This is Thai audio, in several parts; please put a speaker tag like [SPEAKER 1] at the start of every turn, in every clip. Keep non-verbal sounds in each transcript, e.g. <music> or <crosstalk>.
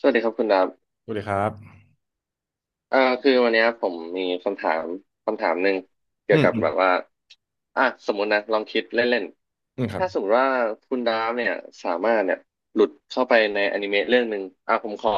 [SPEAKER 1] สวัสดีครับคุณดาบ
[SPEAKER 2] สวัสดีครับ
[SPEAKER 1] คือวันเนี้ยผมมีคำถามคำถามหนึ่งเกี่
[SPEAKER 2] อื
[SPEAKER 1] ยว
[SPEAKER 2] ม
[SPEAKER 1] กับ
[SPEAKER 2] อืม
[SPEAKER 1] แบบว่าอ่ะสมมตินะลองคิดเล่น
[SPEAKER 2] อืมค
[SPEAKER 1] ๆ
[SPEAKER 2] รับ
[SPEAKER 1] ถ้าสมมติว่าคุณดาบเนี่ยสามารถเนี่ยหลุดเข้าไปในอนิเมะเรื่องหนึ่งอ่ะผมขอ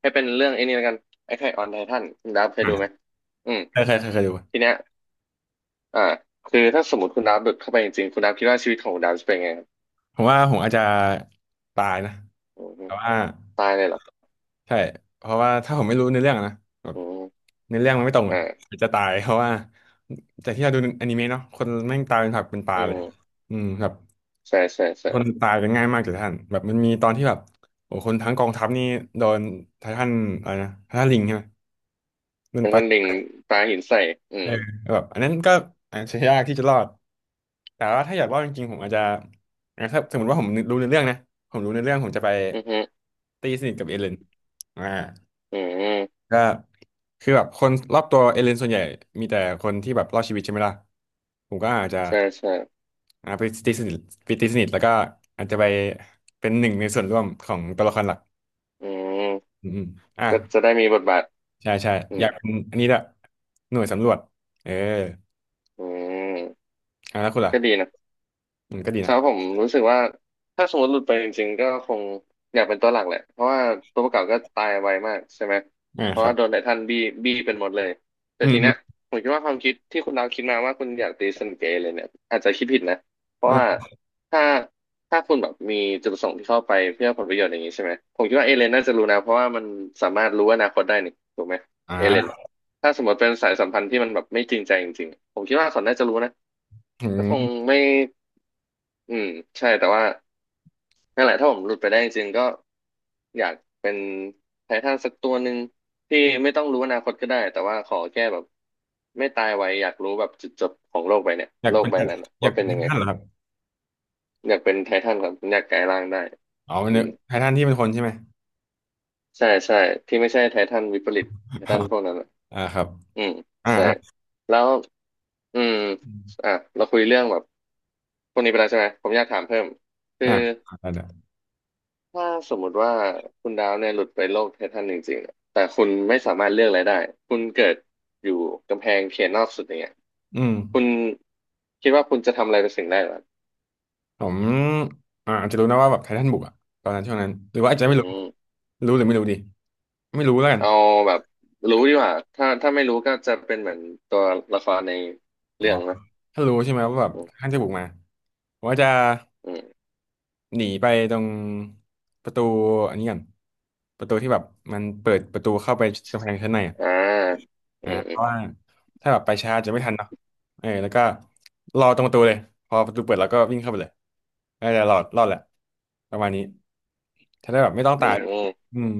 [SPEAKER 1] ให้เป็นเรื่องไอ้นี่แล้วกันไอ้ไข่ออนไททันคุณดาบเคย
[SPEAKER 2] อ่ะ
[SPEAKER 1] ดูไหมอืม
[SPEAKER 2] เคยเคยเคยเคยดู
[SPEAKER 1] ทีเนี้ยอ่าคือถ้าสมมติคุณดาบหลุดเข้าไปจริงๆคุณดาบคิดว่าชีวิตของคุณดาบจะเป็นไงครับ
[SPEAKER 2] ผมว่าผมอาจจะตายนะ
[SPEAKER 1] อืม
[SPEAKER 2] แต่ว่า
[SPEAKER 1] ตายเลยเหรอ
[SPEAKER 2] ใช่เพราะว่าถ้าผมไม่รู้ในอเรื่องอะนะแบบ
[SPEAKER 1] อืม
[SPEAKER 2] ในอเรื่องมันไม่ตรงอ่ะ
[SPEAKER 1] อ่า
[SPEAKER 2] อาจจะตายเพราะว่าจากที่เราดูอนิเมะเนาะคนแม่งตายเป็นผักเป็นปลา
[SPEAKER 1] อื
[SPEAKER 2] เลย
[SPEAKER 1] ม
[SPEAKER 2] อืมแบบ
[SPEAKER 1] ใช่ใช่ใช่
[SPEAKER 2] คนตายกันง่ายมากเลยท่านแบบมันมีตอนที่แบบโอ้คนทั้งกองทัพนี่โดนไททันอะไรนะไททันลิงใช่ไหมมัน
[SPEAKER 1] เป็น
[SPEAKER 2] ไป
[SPEAKER 1] ท่านลิงปลาหินใส่อื
[SPEAKER 2] เอ
[SPEAKER 1] ม
[SPEAKER 2] อแบบอันนั้นก็อาจจะยากที่จะรอด แต่ว่าถ้าอยากรอดจริงๆผมอาจจะอ่ะถ้าสมมติว่าผมรู้ในเรื่องนะผมรู้ในเรื่องผมจะไป
[SPEAKER 1] อือฮึ
[SPEAKER 2] ตีสนิทกับเอเลนอ่า
[SPEAKER 1] อืม
[SPEAKER 2] ก็คือแบบคนรอบตัวเอเลนส่วนใหญ่มีแต่คนที่แบบรอดชีวิตใช่ไหมล่ะผมก็อาจจะ
[SPEAKER 1] ใช่ใช่
[SPEAKER 2] อ่าไปตีสนิทไปตีสนิทแล้วก็อาจจะไปเป็นหนึ่งในส่วนร่วมของตัวละครหลัก
[SPEAKER 1] อืม
[SPEAKER 2] อืมอมอ่ะ
[SPEAKER 1] ก็จะได้มีบทบาท
[SPEAKER 2] ใช่ใช่
[SPEAKER 1] อื
[SPEAKER 2] อ
[SPEAKER 1] ม
[SPEAKER 2] ยากเป็นอันนี้ละหน่วยสำรวจเออ
[SPEAKER 1] อืม
[SPEAKER 2] อ่ะแล้วคุณ
[SPEAKER 1] ก็ดี
[SPEAKER 2] ล่ะ
[SPEAKER 1] นะ
[SPEAKER 2] อืมก็ดี
[SPEAKER 1] ค
[SPEAKER 2] นะ
[SPEAKER 1] รับผมรู้สึกว่าถ้าสมมติหลุดไปจริงๆก็คงอยากเป็นตัวหลักแหละเพราะว่าตัวประกอบก็ตายไวมากใช่ไหม
[SPEAKER 2] อ่า
[SPEAKER 1] เพ
[SPEAKER 2] ค
[SPEAKER 1] ราะ
[SPEAKER 2] รั
[SPEAKER 1] ว่า
[SPEAKER 2] บ
[SPEAKER 1] โดนไททันบี้บี้เป็นหมดเลยแต่
[SPEAKER 2] อืม
[SPEAKER 1] ที
[SPEAKER 2] อื
[SPEAKER 1] เนี้
[SPEAKER 2] ม
[SPEAKER 1] ยผมคิดว่าความคิดที่คุณดาวคิดมาว่าคุณอยากตีสนิทเกับเเลยเนี่ยอาจจะคิดผิดนะเพราะว่า
[SPEAKER 2] อ่า
[SPEAKER 1] ถ้าคุณแบบมีจุดประสงค์ที่เข้าไปเพื่อผลประโยชน์อย่างนี้ใช่ไหมผมคิดว่าเอเลนน่าจะรู้นะเพราะว่ามันสามารถรู้อนาคตได้นี่ถูกไหมเอเลน
[SPEAKER 2] อ่า
[SPEAKER 1] อะถ้าสมมติเป็นสายสัมพันธ์ที่มันแบบไม่จริงใจจริงๆผมคิดว่าเขาน่าจะรู้นะ
[SPEAKER 2] อื
[SPEAKER 1] ก็คง
[SPEAKER 2] ม
[SPEAKER 1] ไม่ อืมใช่แต่ว่านั่นแหละถ้าผมหลุดไปได้จริงๆก็อยากเป็นไททันสักตัวหนึ่งที่ไม่ต้องรู้อนาคตก็ได้แต่ว่าขอแค่แบบไม่ตายไวอยากรู้แบบจุดจบของโลกใบเนี่ย
[SPEAKER 2] อยาก
[SPEAKER 1] โลก
[SPEAKER 2] เป็น
[SPEAKER 1] ใบนั้นอะ
[SPEAKER 2] อยา
[SPEAKER 1] ว่า
[SPEAKER 2] กเป็
[SPEAKER 1] เป็น
[SPEAKER 2] นไท
[SPEAKER 1] ยังไง
[SPEAKER 2] ทันเหรอครับ
[SPEAKER 1] อยากเป็นไททันครับอยากกลายร่างได้
[SPEAKER 2] อ๋อเป็น
[SPEAKER 1] อืม
[SPEAKER 2] ไททันที่เป็นคนใช่ไหม
[SPEAKER 1] ใช่ใช่ที่ไม่ใช่ไททันวิปริตไท
[SPEAKER 2] อ๋อ
[SPEAKER 1] ทันพวกนั้นอะ
[SPEAKER 2] อ่าครับ
[SPEAKER 1] อืม
[SPEAKER 2] อ่า
[SPEAKER 1] ใช่
[SPEAKER 2] อ่า
[SPEAKER 1] แล้วอืม
[SPEAKER 2] อม
[SPEAKER 1] อ่ะเราคุยเรื่องแบบพวกนี้ไปแล้วใช่ไหมผมอยากถามเพิ่มคือ
[SPEAKER 2] อ่าได้ได้
[SPEAKER 1] ถ้าสมมุติว่าคุณดาวเนี่ยหลุดไปโลกไททันจริงๆอะแต่คุณไม่สามารถเลือกอะไรได้คุณเกิดอยู่กำแพงเขียนนอกสุดอย่างเงี้ย
[SPEAKER 2] อืม
[SPEAKER 1] คุณคิดว่าคุณจะทำอะไรเป็นสิ่งแรกเหรอ
[SPEAKER 2] ผมอาจจะรู้นะว่าแบบไททันบุกอะตอนนั้นช่วงนั้นหรือว่าอาจจะ
[SPEAKER 1] อื
[SPEAKER 2] ไม่รู้
[SPEAKER 1] ม
[SPEAKER 2] รู้หรือไม่รู้ดีไม่รู้แล้วกัน
[SPEAKER 1] เอาแบบรู้ดีกว่าถ้าไม่รู้ก็จะเป็นเหมือนตัวละครใน
[SPEAKER 2] อ๋อ
[SPEAKER 1] เรื่องนะ
[SPEAKER 2] ถ้ารู้ใช่ไหมว่าแบบ
[SPEAKER 1] อื
[SPEAKER 2] ไททั
[SPEAKER 1] ม
[SPEAKER 2] นจะบุกมาผมว่าจะ
[SPEAKER 1] อืม
[SPEAKER 2] หนีไปตรงประตูอันนี้กันประตูที่แบบมันเปิดประตูเข้าไปกำแพงชั้นในอะ
[SPEAKER 1] อ่าอื
[SPEAKER 2] อ่า
[SPEAKER 1] ม
[SPEAKER 2] เพ
[SPEAKER 1] อืม
[SPEAKER 2] ราะว่าถ้าแบบไปช้าจะไม่ทันเนาะเออแล้วก็รอตรงประตูเลยพอประตูเปิดแล้วก็วิ่งเข้าไปเลยน่าจะรอดรอดแหละประมาณนี้จะได้แบบไม่ต้อง
[SPEAKER 1] อื
[SPEAKER 2] ตาย
[SPEAKER 1] ม
[SPEAKER 2] อืม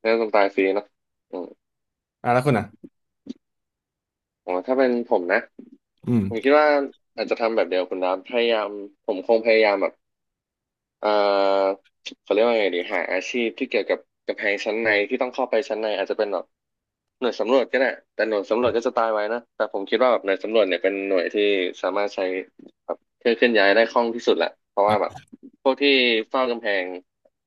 [SPEAKER 1] เรื่องต้องตายฟรีเนาะอืม
[SPEAKER 2] อ่ะแล้วคุณอ่ะ
[SPEAKER 1] อ๋อถ้าเป็นผมนะ
[SPEAKER 2] อืม
[SPEAKER 1] ผมคิดว่าอาจจะทำแบบเดียวคุณดาวพยายามผมคงพยายามแบบ เอ่อเขาเรียกว่าไงดีหาอาชีพที่เกี่ยวกับไฮชั้นในที่ต้องเข้าไปชั้นในอาจจะเป็นแบบ หน่วยสำรวจก็ได้แต่หน่วยสำรวจก็จะตายไว้นะแต่ผมคิดว่าแบบหน่วยสำรวจเนี่ยเป็นหน่วยที่สามารถใช้แบบเคลื่อนย้ายได้คล่องที่สุดแหละเพราะว่าแบบ
[SPEAKER 2] อ่ะ
[SPEAKER 1] พวกที่เฝ้ากำแพง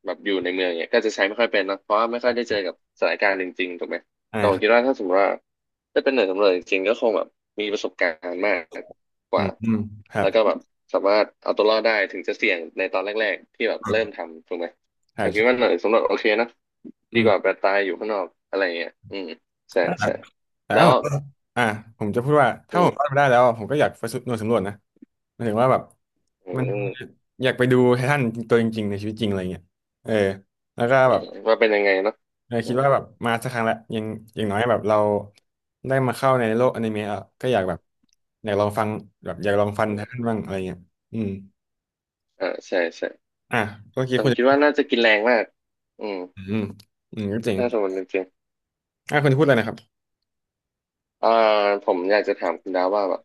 [SPEAKER 1] แบบอยู่ในเมืองเนี่ยก็จะใช้ไม่ค่อยเป็นนะเพราะว่าไม่ค่อยได้เจอกับสถานการณ์จริงๆถูกไหม
[SPEAKER 2] อ่า
[SPEAKER 1] แต่ผ
[SPEAKER 2] ค
[SPEAKER 1] ม
[SPEAKER 2] รั
[SPEAKER 1] คิดว่า
[SPEAKER 2] บ
[SPEAKER 1] ถ้าสมมติว่าถ้าเป็นหน่วยสำรวจจริงๆก็คงแบบมีประสบการณ์มากก
[SPEAKER 2] อื
[SPEAKER 1] ว่า
[SPEAKER 2] มอืมครั
[SPEAKER 1] แล้
[SPEAKER 2] บ
[SPEAKER 1] วก็แบบสามารถเอาตัวรอดได้ถึงจะเสี่ยงในตอนแรกๆที่แบบเริ่มทำถูกไหม
[SPEAKER 2] ใช่
[SPEAKER 1] แต่พี่ว่า
[SPEAKER 2] ใช่
[SPEAKER 1] หน่วยสำรวจโอเคนะดี
[SPEAKER 2] อืม
[SPEAKER 1] กว่าแบบตายอยู่ข้างนอกอะไรเงี้ยอืม ใช่
[SPEAKER 2] อ่ะ
[SPEAKER 1] ใช่
[SPEAKER 2] แต่
[SPEAKER 1] แล้
[SPEAKER 2] วา
[SPEAKER 1] ว
[SPEAKER 2] ผมอ่าผมจะพูดว่าถ้า
[SPEAKER 1] อื
[SPEAKER 2] ผ
[SPEAKER 1] ม
[SPEAKER 2] มรอดมาได้แล้วอะผมก็อยากไปสำหน่วยสำรวจนะหมายถึงว่าแบบ
[SPEAKER 1] อื
[SPEAKER 2] มัน
[SPEAKER 1] ม
[SPEAKER 2] อยากไปดูไททันตัวจริงๆในชีวิตจริงอะไรเงี้ยเออแล้วก็
[SPEAKER 1] อื
[SPEAKER 2] แบบ
[SPEAKER 1] มว่าเป็นยังไงเนาะ
[SPEAKER 2] เออ
[SPEAKER 1] อื
[SPEAKER 2] คิด
[SPEAKER 1] ม
[SPEAKER 2] ว่าแบบมาสักครั้งละอยังอย่างน้อยแบบเราได้มาเข้าในโลกอนิเมะอะก็อยากแบบอยากลองฟังแบบอยากลองฟัง
[SPEAKER 1] อื
[SPEAKER 2] ท่า
[SPEAKER 1] ม
[SPEAKER 2] นบ้างอะไรเงี้ยอืม
[SPEAKER 1] อ่าใช่ใช่
[SPEAKER 2] อ่ะเมื่อคิด
[SPEAKER 1] แต่ผ
[SPEAKER 2] คุ
[SPEAKER 1] มคิด
[SPEAKER 2] ณ
[SPEAKER 1] ว่าน่าจะกินแรงมากอืม
[SPEAKER 2] อืมอืมก็จริง
[SPEAKER 1] ถ้าสมมติจริง
[SPEAKER 2] อ่ะคุณพูดเลยนะครับ
[SPEAKER 1] ๆผมอยากจะถามคุณดาวว่าแบบ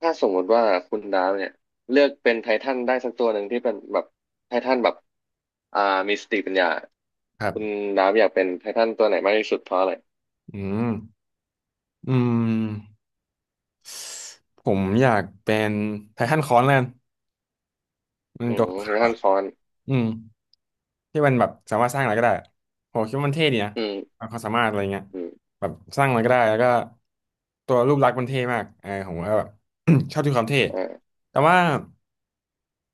[SPEAKER 1] ถ้าสมมติว่าคุณดาวเนี่ยเลือกเป็นไททันได้สักตัวหนึ่งที่เป็นแบบไททันแบบอ่ามีสติปัญญา
[SPEAKER 2] ครั
[SPEAKER 1] คุณ
[SPEAKER 2] บ
[SPEAKER 1] ดาวอยากเป็นไททันตัวไหนมากที่สุดเพราะอะไร
[SPEAKER 2] อืมอืมผมอยากเป็นไททันคอนแล้วกันมัน
[SPEAKER 1] อื
[SPEAKER 2] จ
[SPEAKER 1] ม
[SPEAKER 2] บ
[SPEAKER 1] ไททันฟอน
[SPEAKER 2] อืม ที่มันแบบสามารถสร้างอะไรก็ได้อะผมคิดว่ามันเท่ดีนะ
[SPEAKER 1] อืม
[SPEAKER 2] ความสามารถอะไรเงี้ย
[SPEAKER 1] อืม
[SPEAKER 2] แบบสร้างอะไรก็ได้แล้วก็ตัวรูปลักษณ์มันเท่มากเออผมก็แบบ <coughs> ชอบที่ความเท่
[SPEAKER 1] อ่า
[SPEAKER 2] แต่ว่า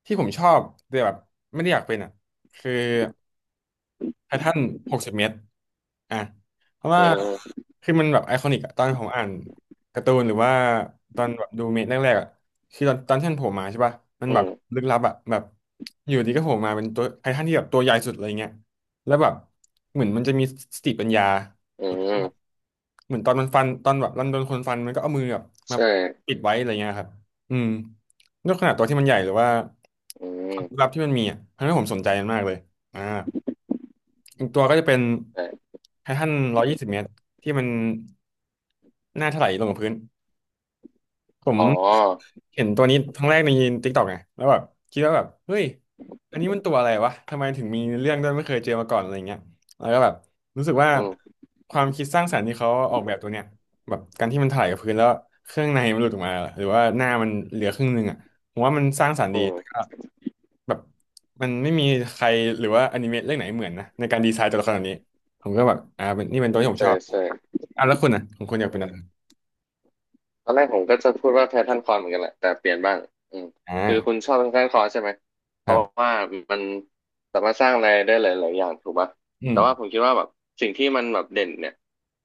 [SPEAKER 2] ที่ผมชอบแต่แบบไม่ได้อยากเป็นอ่ะคือ ไททัน60 เมตรอ่ะเพราะ
[SPEAKER 1] อื
[SPEAKER 2] ว่า
[SPEAKER 1] ม
[SPEAKER 2] คือมันแบบไอคอนิกอะตอนผมอ่านการ์ตูนหรือว่าตอนแบบดูเมะแรกๆอะคือตอนที่มันโผล่มาใช่ป่ะมันแบ
[SPEAKER 1] อื
[SPEAKER 2] บ
[SPEAKER 1] ม
[SPEAKER 2] ลึกลับอะแบบอยู่ดีก็โผล่มาเป็นตัวไททันที่แบบตัวใหญ่สุดอะไรเงี้ยแล้วแบบเหมือนมันจะมีสติปัญญา
[SPEAKER 1] อืม
[SPEAKER 2] เหมือนตอนมันฟันตอนแบบรันโดนคนฟันมันก็เอามือแบบมา
[SPEAKER 1] ใช่
[SPEAKER 2] ปิดไว้อะไรเงี้ยครับอืมด้วยขนาดตัวที่มันใหญ่หรือว่า
[SPEAKER 1] อืม
[SPEAKER 2] ความลึกลับที่มันมีอ่ะทำให้ผมสนใจมันมากเลยอ่า อีกตัวก็จะเป็น
[SPEAKER 1] ใช่
[SPEAKER 2] ไททัน120 เมตรที่มันหน้าถลายลงกับพื้น ผม
[SPEAKER 1] อ๋อ
[SPEAKER 2] เห็นตัวนี้ครั้
[SPEAKER 1] อื
[SPEAKER 2] งแรกในติ๊กตอกไงแล้วแบบคิดว่าแบบเฮ้ยอันนี้มันตัวอะไรวะทำไมถึงมีเรื่องด้วยไม่เคยเจอมาก่อนอะไรเงี้ยแล้วก็แบบรู้สึกว่า
[SPEAKER 1] ม
[SPEAKER 2] ความคิดสร้างสรรค์ที่เขาออกแบบตัวเนี้ยแบบการที่มันถลายกับพื้นแล้วเครื่องในมันหลุดออกมาหรือว่าหน้ามันเหลือครึ่งหนึงอ่ะผมว่ามันสร้างสรรค์ดี
[SPEAKER 1] อืม
[SPEAKER 2] แบบมันไม่มีใครหรือว่าอนิเมะเรื่องไหนเหมือนนะในการดีไซน์ตัวละครแบบนี้ผมก็แบบอ่าเป็นนี่เป็นตัวที่ผม
[SPEAKER 1] ใช่
[SPEAKER 2] ชอบ
[SPEAKER 1] ใช่
[SPEAKER 2] อ่ะแล้วคุณนะของคุณอยากเป็นอะไร
[SPEAKER 1] ตอนแรกผมก็จะพูดว่าแพทเทิร์นคอร์เหมือนกันแหละแต่เปลี่ยนบ้างอืมคือคุ
[SPEAKER 2] อ่า
[SPEAKER 1] ณชอบแพทเทิร์นคอร์ใช่ไหมเพ
[SPEAKER 2] ครั
[SPEAKER 1] ราะ
[SPEAKER 2] บ
[SPEAKER 1] ว่ามันสามารถสร้างอะไรได้หลายๆอย่างถูกป่ะ
[SPEAKER 2] อืม
[SPEAKER 1] แต่ว่าผมคิดว่าแบบสิ่งที่มันแบบเด่นเนี่ย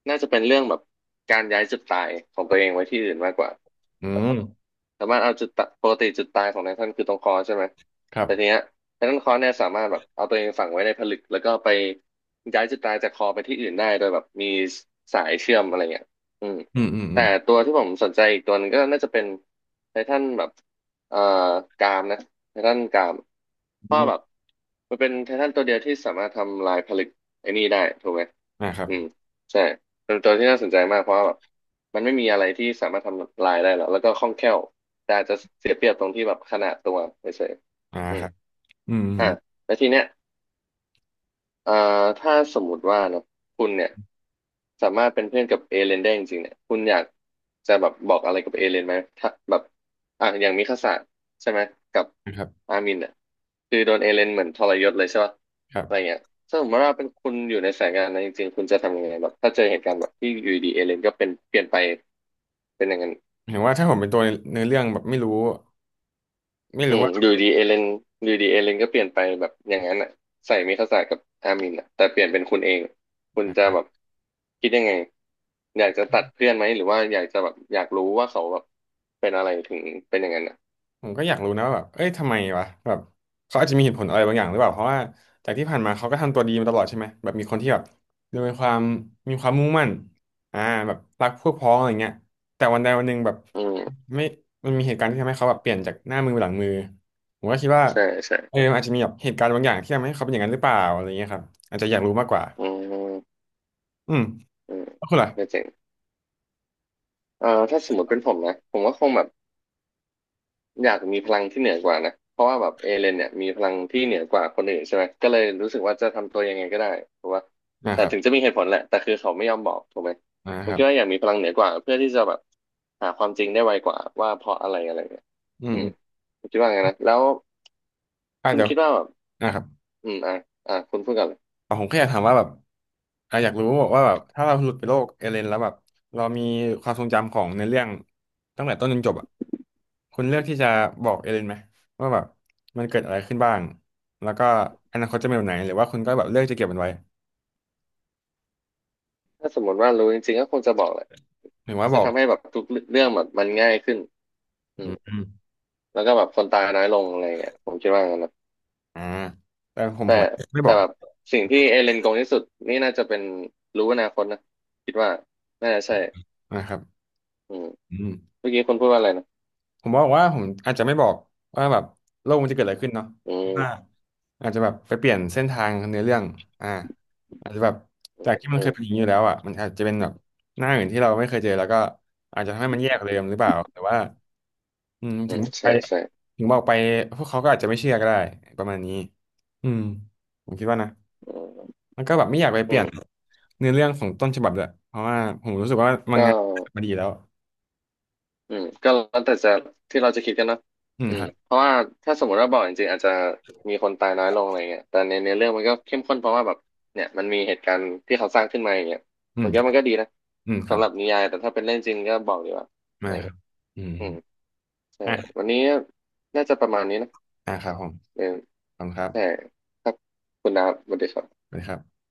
[SPEAKER 1] น่าจะเป็นเรื่องแบบการย้ายจุดตายของตัวเองไว้ที่อื่นมากกว่า
[SPEAKER 2] อืม
[SPEAKER 1] สามารถเอาจุดตะปกติจุดตายของไททันคือตรงคอใช่ไหม
[SPEAKER 2] ครับ
[SPEAKER 1] แต่ทีเนี้ยไททันคอเนี่ยสามารถแบบเอาตัวเองฝังไว้ในผลึกแล้วก็ไปย้ายจุดตายจากคอไปที่อื่นได้โดยแบบมีสายเชื่อมอะไรเงี้ยอืม
[SPEAKER 2] อืมอืมอื
[SPEAKER 1] แต่
[SPEAKER 2] ม
[SPEAKER 1] ตัวที่ผมสนใจอีกตัวหนึงก็น่าจะเป็นไททันแบบเอ่อกรามนะไททันกรามเพ
[SPEAKER 2] อื
[SPEAKER 1] ราะแบบ
[SPEAKER 2] ม
[SPEAKER 1] มันเป็นไททันตัวเดียวที่สามารถทำลายผลึกไอ้นี่ได้ถูกไหม
[SPEAKER 2] อ่าครับ
[SPEAKER 1] อืมใช่เป็นตัวที่น่าสนใจมากเพราะว่าแบบมันไม่มีอะไรที่สามารถทำลายได้หรอกแล้วก็คล่องแคล่ว แต่อาจจะเสียเปรียบตรงที่แบบขนาดตัวเฉย
[SPEAKER 2] อ่า
[SPEAKER 1] ๆอื
[SPEAKER 2] ค
[SPEAKER 1] ม
[SPEAKER 2] รับอืมอืม
[SPEAKER 1] อ่ะ
[SPEAKER 2] อืม
[SPEAKER 1] แล้วทีเนี้ยเอ่อถ้าสมมุติว่าเนอะคุณเนี่ยสามารถเป็นเพื่อนกับเอเลนได้จริงๆเนี่ยคุณอยากจะแบบบอกอะไรกับเอเลนไหมถ้าแบบอ่ะอย่างมิคาสะใช่ไหม กับ
[SPEAKER 2] นะครับ
[SPEAKER 1] อามินเนี่ยคือโดนเอเลนเหมือนทรยศเลยใช่ป่ะ
[SPEAKER 2] ครับ
[SPEAKER 1] อะไรเงี้ยถ้าสมมติว่าเป็นคุณอยู่ในสายงานนั้นจริงๆคุณจะทำยังไงแบบถ้าเจอเหตุการณ์แบบที่อยู่ดีเอเลนก็เป็นเปลี่ยนไปเป็นอย่างนั้น
[SPEAKER 2] เห็นว่าถ้าผมเป็นตัวในเนื้อเรื่องแบบไม่รู้ไม่
[SPEAKER 1] อื
[SPEAKER 2] รู้
[SPEAKER 1] ม
[SPEAKER 2] ว่า
[SPEAKER 1] อยู่ดีเอเลนอยู่ดีเอเลนก็เปลี่ยนไปแบบอย่างนั้นอ่ะใส่มิคาสะกับอามินอ่ะแต่เปลี่ยนเป็นคุณเองคุณจะแบบคิดยังไงอยากจะตัดเพื่อนไหมหรือว่าอยากจะแบบอยากรู้ว่าเขาแบบเป็นอะไรถึงเป็นอย่างนั้นอ่ะ
[SPEAKER 2] ผมก็อยากรู้นะว่าแบบเอ้ยทำไมวะแบบเขาอาจจะมีเหตุผลอะไรบางอย่างหรือเปล่า เพราะว่าจากที่ผ่านมาเขาก็ทำตัวดีมาตลอดใช่ไหมแบบมีคนที่แบบดูมีความมุ่งมั่นอ่าแบบรักพวกพ้องอะไรเงี้ยแต่วันใดวันหนึ่งแบบ
[SPEAKER 1] อืม
[SPEAKER 2] ไม่มันมีเหตุการณ์ที่ทำให้เขาแบบเปลี่ยนจากหน้ามือเป็นหลังมือผมก็คิดว่า
[SPEAKER 1] ใช่ใช่
[SPEAKER 2] เออมันอาจจะมีแบบเหตุการณ์บางอย่างที่ทำให้เขาเป็นอย่างนั้นหรือเปล่าอะไรเงี้ยครับอาจจะอยากรู้มากกว่า
[SPEAKER 1] อืม
[SPEAKER 2] อืม
[SPEAKER 1] อืม
[SPEAKER 2] แล้วคุณล่ะ
[SPEAKER 1] ก็เจ๋งถ้าสมมติเป็นผมนะผมก็คงแบบ อยากมีพลังที่เหนือกว่านะเพราะว่าแบบเอเลนเนี่ยมีพลังที่เหนือกว่าคนอื่นใช่ไหมก็เลยรู้สึกว่าจะทำตัวยังไงก็ได้เพกาะว่า
[SPEAKER 2] นะ
[SPEAKER 1] แต่
[SPEAKER 2] ครั
[SPEAKER 1] ถึงจะ
[SPEAKER 2] บ
[SPEAKER 1] มีเหตุผลแหละแต่คือเขาไม่ยอมบอกถูกไหมผ
[SPEAKER 2] นะค
[SPEAKER 1] ม
[SPEAKER 2] รั
[SPEAKER 1] คิดว่าอ
[SPEAKER 2] บ
[SPEAKER 1] ยากมีพลังเหนือกว่าเพื่อที่จะแบบหาความจริงได้ไวกว่าว่าเพราะอะไรอะไรเนี่ย
[SPEAKER 2] อืม
[SPEAKER 1] อืม
[SPEAKER 2] อืม
[SPEAKER 1] ผมคิดว่าไงนะแล้ว
[SPEAKER 2] อ่า
[SPEAKER 1] คุณ
[SPEAKER 2] เดี๋ยว
[SPEAKER 1] คิดว่าแบบ
[SPEAKER 2] นะครับ
[SPEAKER 1] อืมอ่ะอ่ะคุณพูดกันเลย
[SPEAKER 2] แต่ผมแค่อยากถามว่าแบบอ่ะอยากรู้ว่าแบบถ้าเราหลุดไปโลกเอเลนแล้วแบบเรามีความทรงจำของในเรื่องตั้งแต่ต้นจนจบอ่ะคุณเลือกที่จะบอกเอเลนไหมว่าแบบมันเกิดอะไรขึ้นบ้างแล้วก็อนาคตจะเป็นแบบไหนหรือว่าคุณก็แบบเลือกจะเก็บมันไว้
[SPEAKER 1] ถ้าสมมติว่ารู้จริงๆก็คงจะบอกแหละ
[SPEAKER 2] หรือว่าบ
[SPEAKER 1] จะ
[SPEAKER 2] อก
[SPEAKER 1] ทำให้แบบทุกเรื่องแบบมันง่ายขึ้นอื
[SPEAKER 2] อื
[SPEAKER 1] ม
[SPEAKER 2] มอืม
[SPEAKER 1] แล้วก็แบบคนตายน้อยลงอะไรเงี้ยผมคิดว่างั้นนะ
[SPEAKER 2] อ่าแต่ผม
[SPEAKER 1] แต่
[SPEAKER 2] ไม่บ
[SPEAKER 1] แต่
[SPEAKER 2] อก
[SPEAKER 1] แบบสิ่งที่เอเลนโกงที่สุดนี่น่าจะเป็นรู้อนาคตนะคิดว่าน่าจะใช่
[SPEAKER 2] นะครับ
[SPEAKER 1] อืม
[SPEAKER 2] อืม
[SPEAKER 1] เมื่อกี้คนพูดว่าอะไรนะ
[SPEAKER 2] ผมบอกว่าผมอาจจะไม่บอกว่าแบบโลกมันจะเกิดอะไรขึ้นเนาะ
[SPEAKER 1] อืม
[SPEAKER 2] อาจจะแบบไปเปลี่ยนเส้นทางเนื้อเรื่องอ่าอาจจะแบบ
[SPEAKER 1] อื
[SPEAKER 2] จาก
[SPEAKER 1] ม
[SPEAKER 2] ที่มัน
[SPEAKER 1] อื
[SPEAKER 2] เคย
[SPEAKER 1] ม
[SPEAKER 2] เป็นอย่างนี้อยู่แล้วอ่ะมันอาจจะเป็นแบบหน้าอื่นที่เราไม่เคยเจอแล้วก็อาจจะทำให้มันแย่กว่าเดิมหรือเปล่าแต่ว่าอืม
[SPEAKER 1] อื
[SPEAKER 2] ถึง
[SPEAKER 1] ม
[SPEAKER 2] ไป
[SPEAKER 1] ใช่ใช่
[SPEAKER 2] ถึงบอกไปพวกเขาก็อาจจะไม่เชื่อก็ได้ประมาณนี้อืมผมคิดว่านะ
[SPEAKER 1] อืม
[SPEAKER 2] แล้วก็แบบไม่อยากไปเป
[SPEAKER 1] อื
[SPEAKER 2] ลี่ยน
[SPEAKER 1] ม
[SPEAKER 2] เนื้อเรื่องของต้นฉบับเลยเพราะว่าผมรู้สึกว่ามัง
[SPEAKER 1] ก็
[SPEAKER 2] งะมาดีแล้ว
[SPEAKER 1] อืมก็แล้วแต่จะที่เราจะคิดกันเนอะ
[SPEAKER 2] อืม
[SPEAKER 1] อื
[SPEAKER 2] ค
[SPEAKER 1] ม
[SPEAKER 2] รับ
[SPEAKER 1] เพราะว่าถ้าสมมติว่าบอกจริงๆอาจจะมีคนตายน้อยลงอะไรเงี้ยแต่ในเรื่องมันก็เข้มข้นเพราะว่าแบบเนี่ยมันมีเหตุการณ์ที่เขาสร้างขึ้นมาอย่างเงี้ย
[SPEAKER 2] อื
[SPEAKER 1] ผ
[SPEAKER 2] ม
[SPEAKER 1] มคิดว่ามันก็ดีนะ
[SPEAKER 2] อืมครั
[SPEAKER 1] สำ
[SPEAKER 2] บ
[SPEAKER 1] หรับนิยายแต่ถ้าเป็นเรื่องจริงก็บอกดีกว่าอะ
[SPEAKER 2] มา
[SPEAKER 1] ไร
[SPEAKER 2] ครั
[SPEAKER 1] เงี้
[SPEAKER 2] บ
[SPEAKER 1] ย
[SPEAKER 2] อืม
[SPEAKER 1] อืม ใช่
[SPEAKER 2] อ่ะ
[SPEAKER 1] วันนี้น่าจะประมาณนี้นะ
[SPEAKER 2] อ่ะครับผม
[SPEAKER 1] เออ
[SPEAKER 2] ขอบคุณครั
[SPEAKER 1] ใช่
[SPEAKER 2] บ
[SPEAKER 1] ครับ คุณดาบสวัสดีครับ
[SPEAKER 2] สวัสดีครับ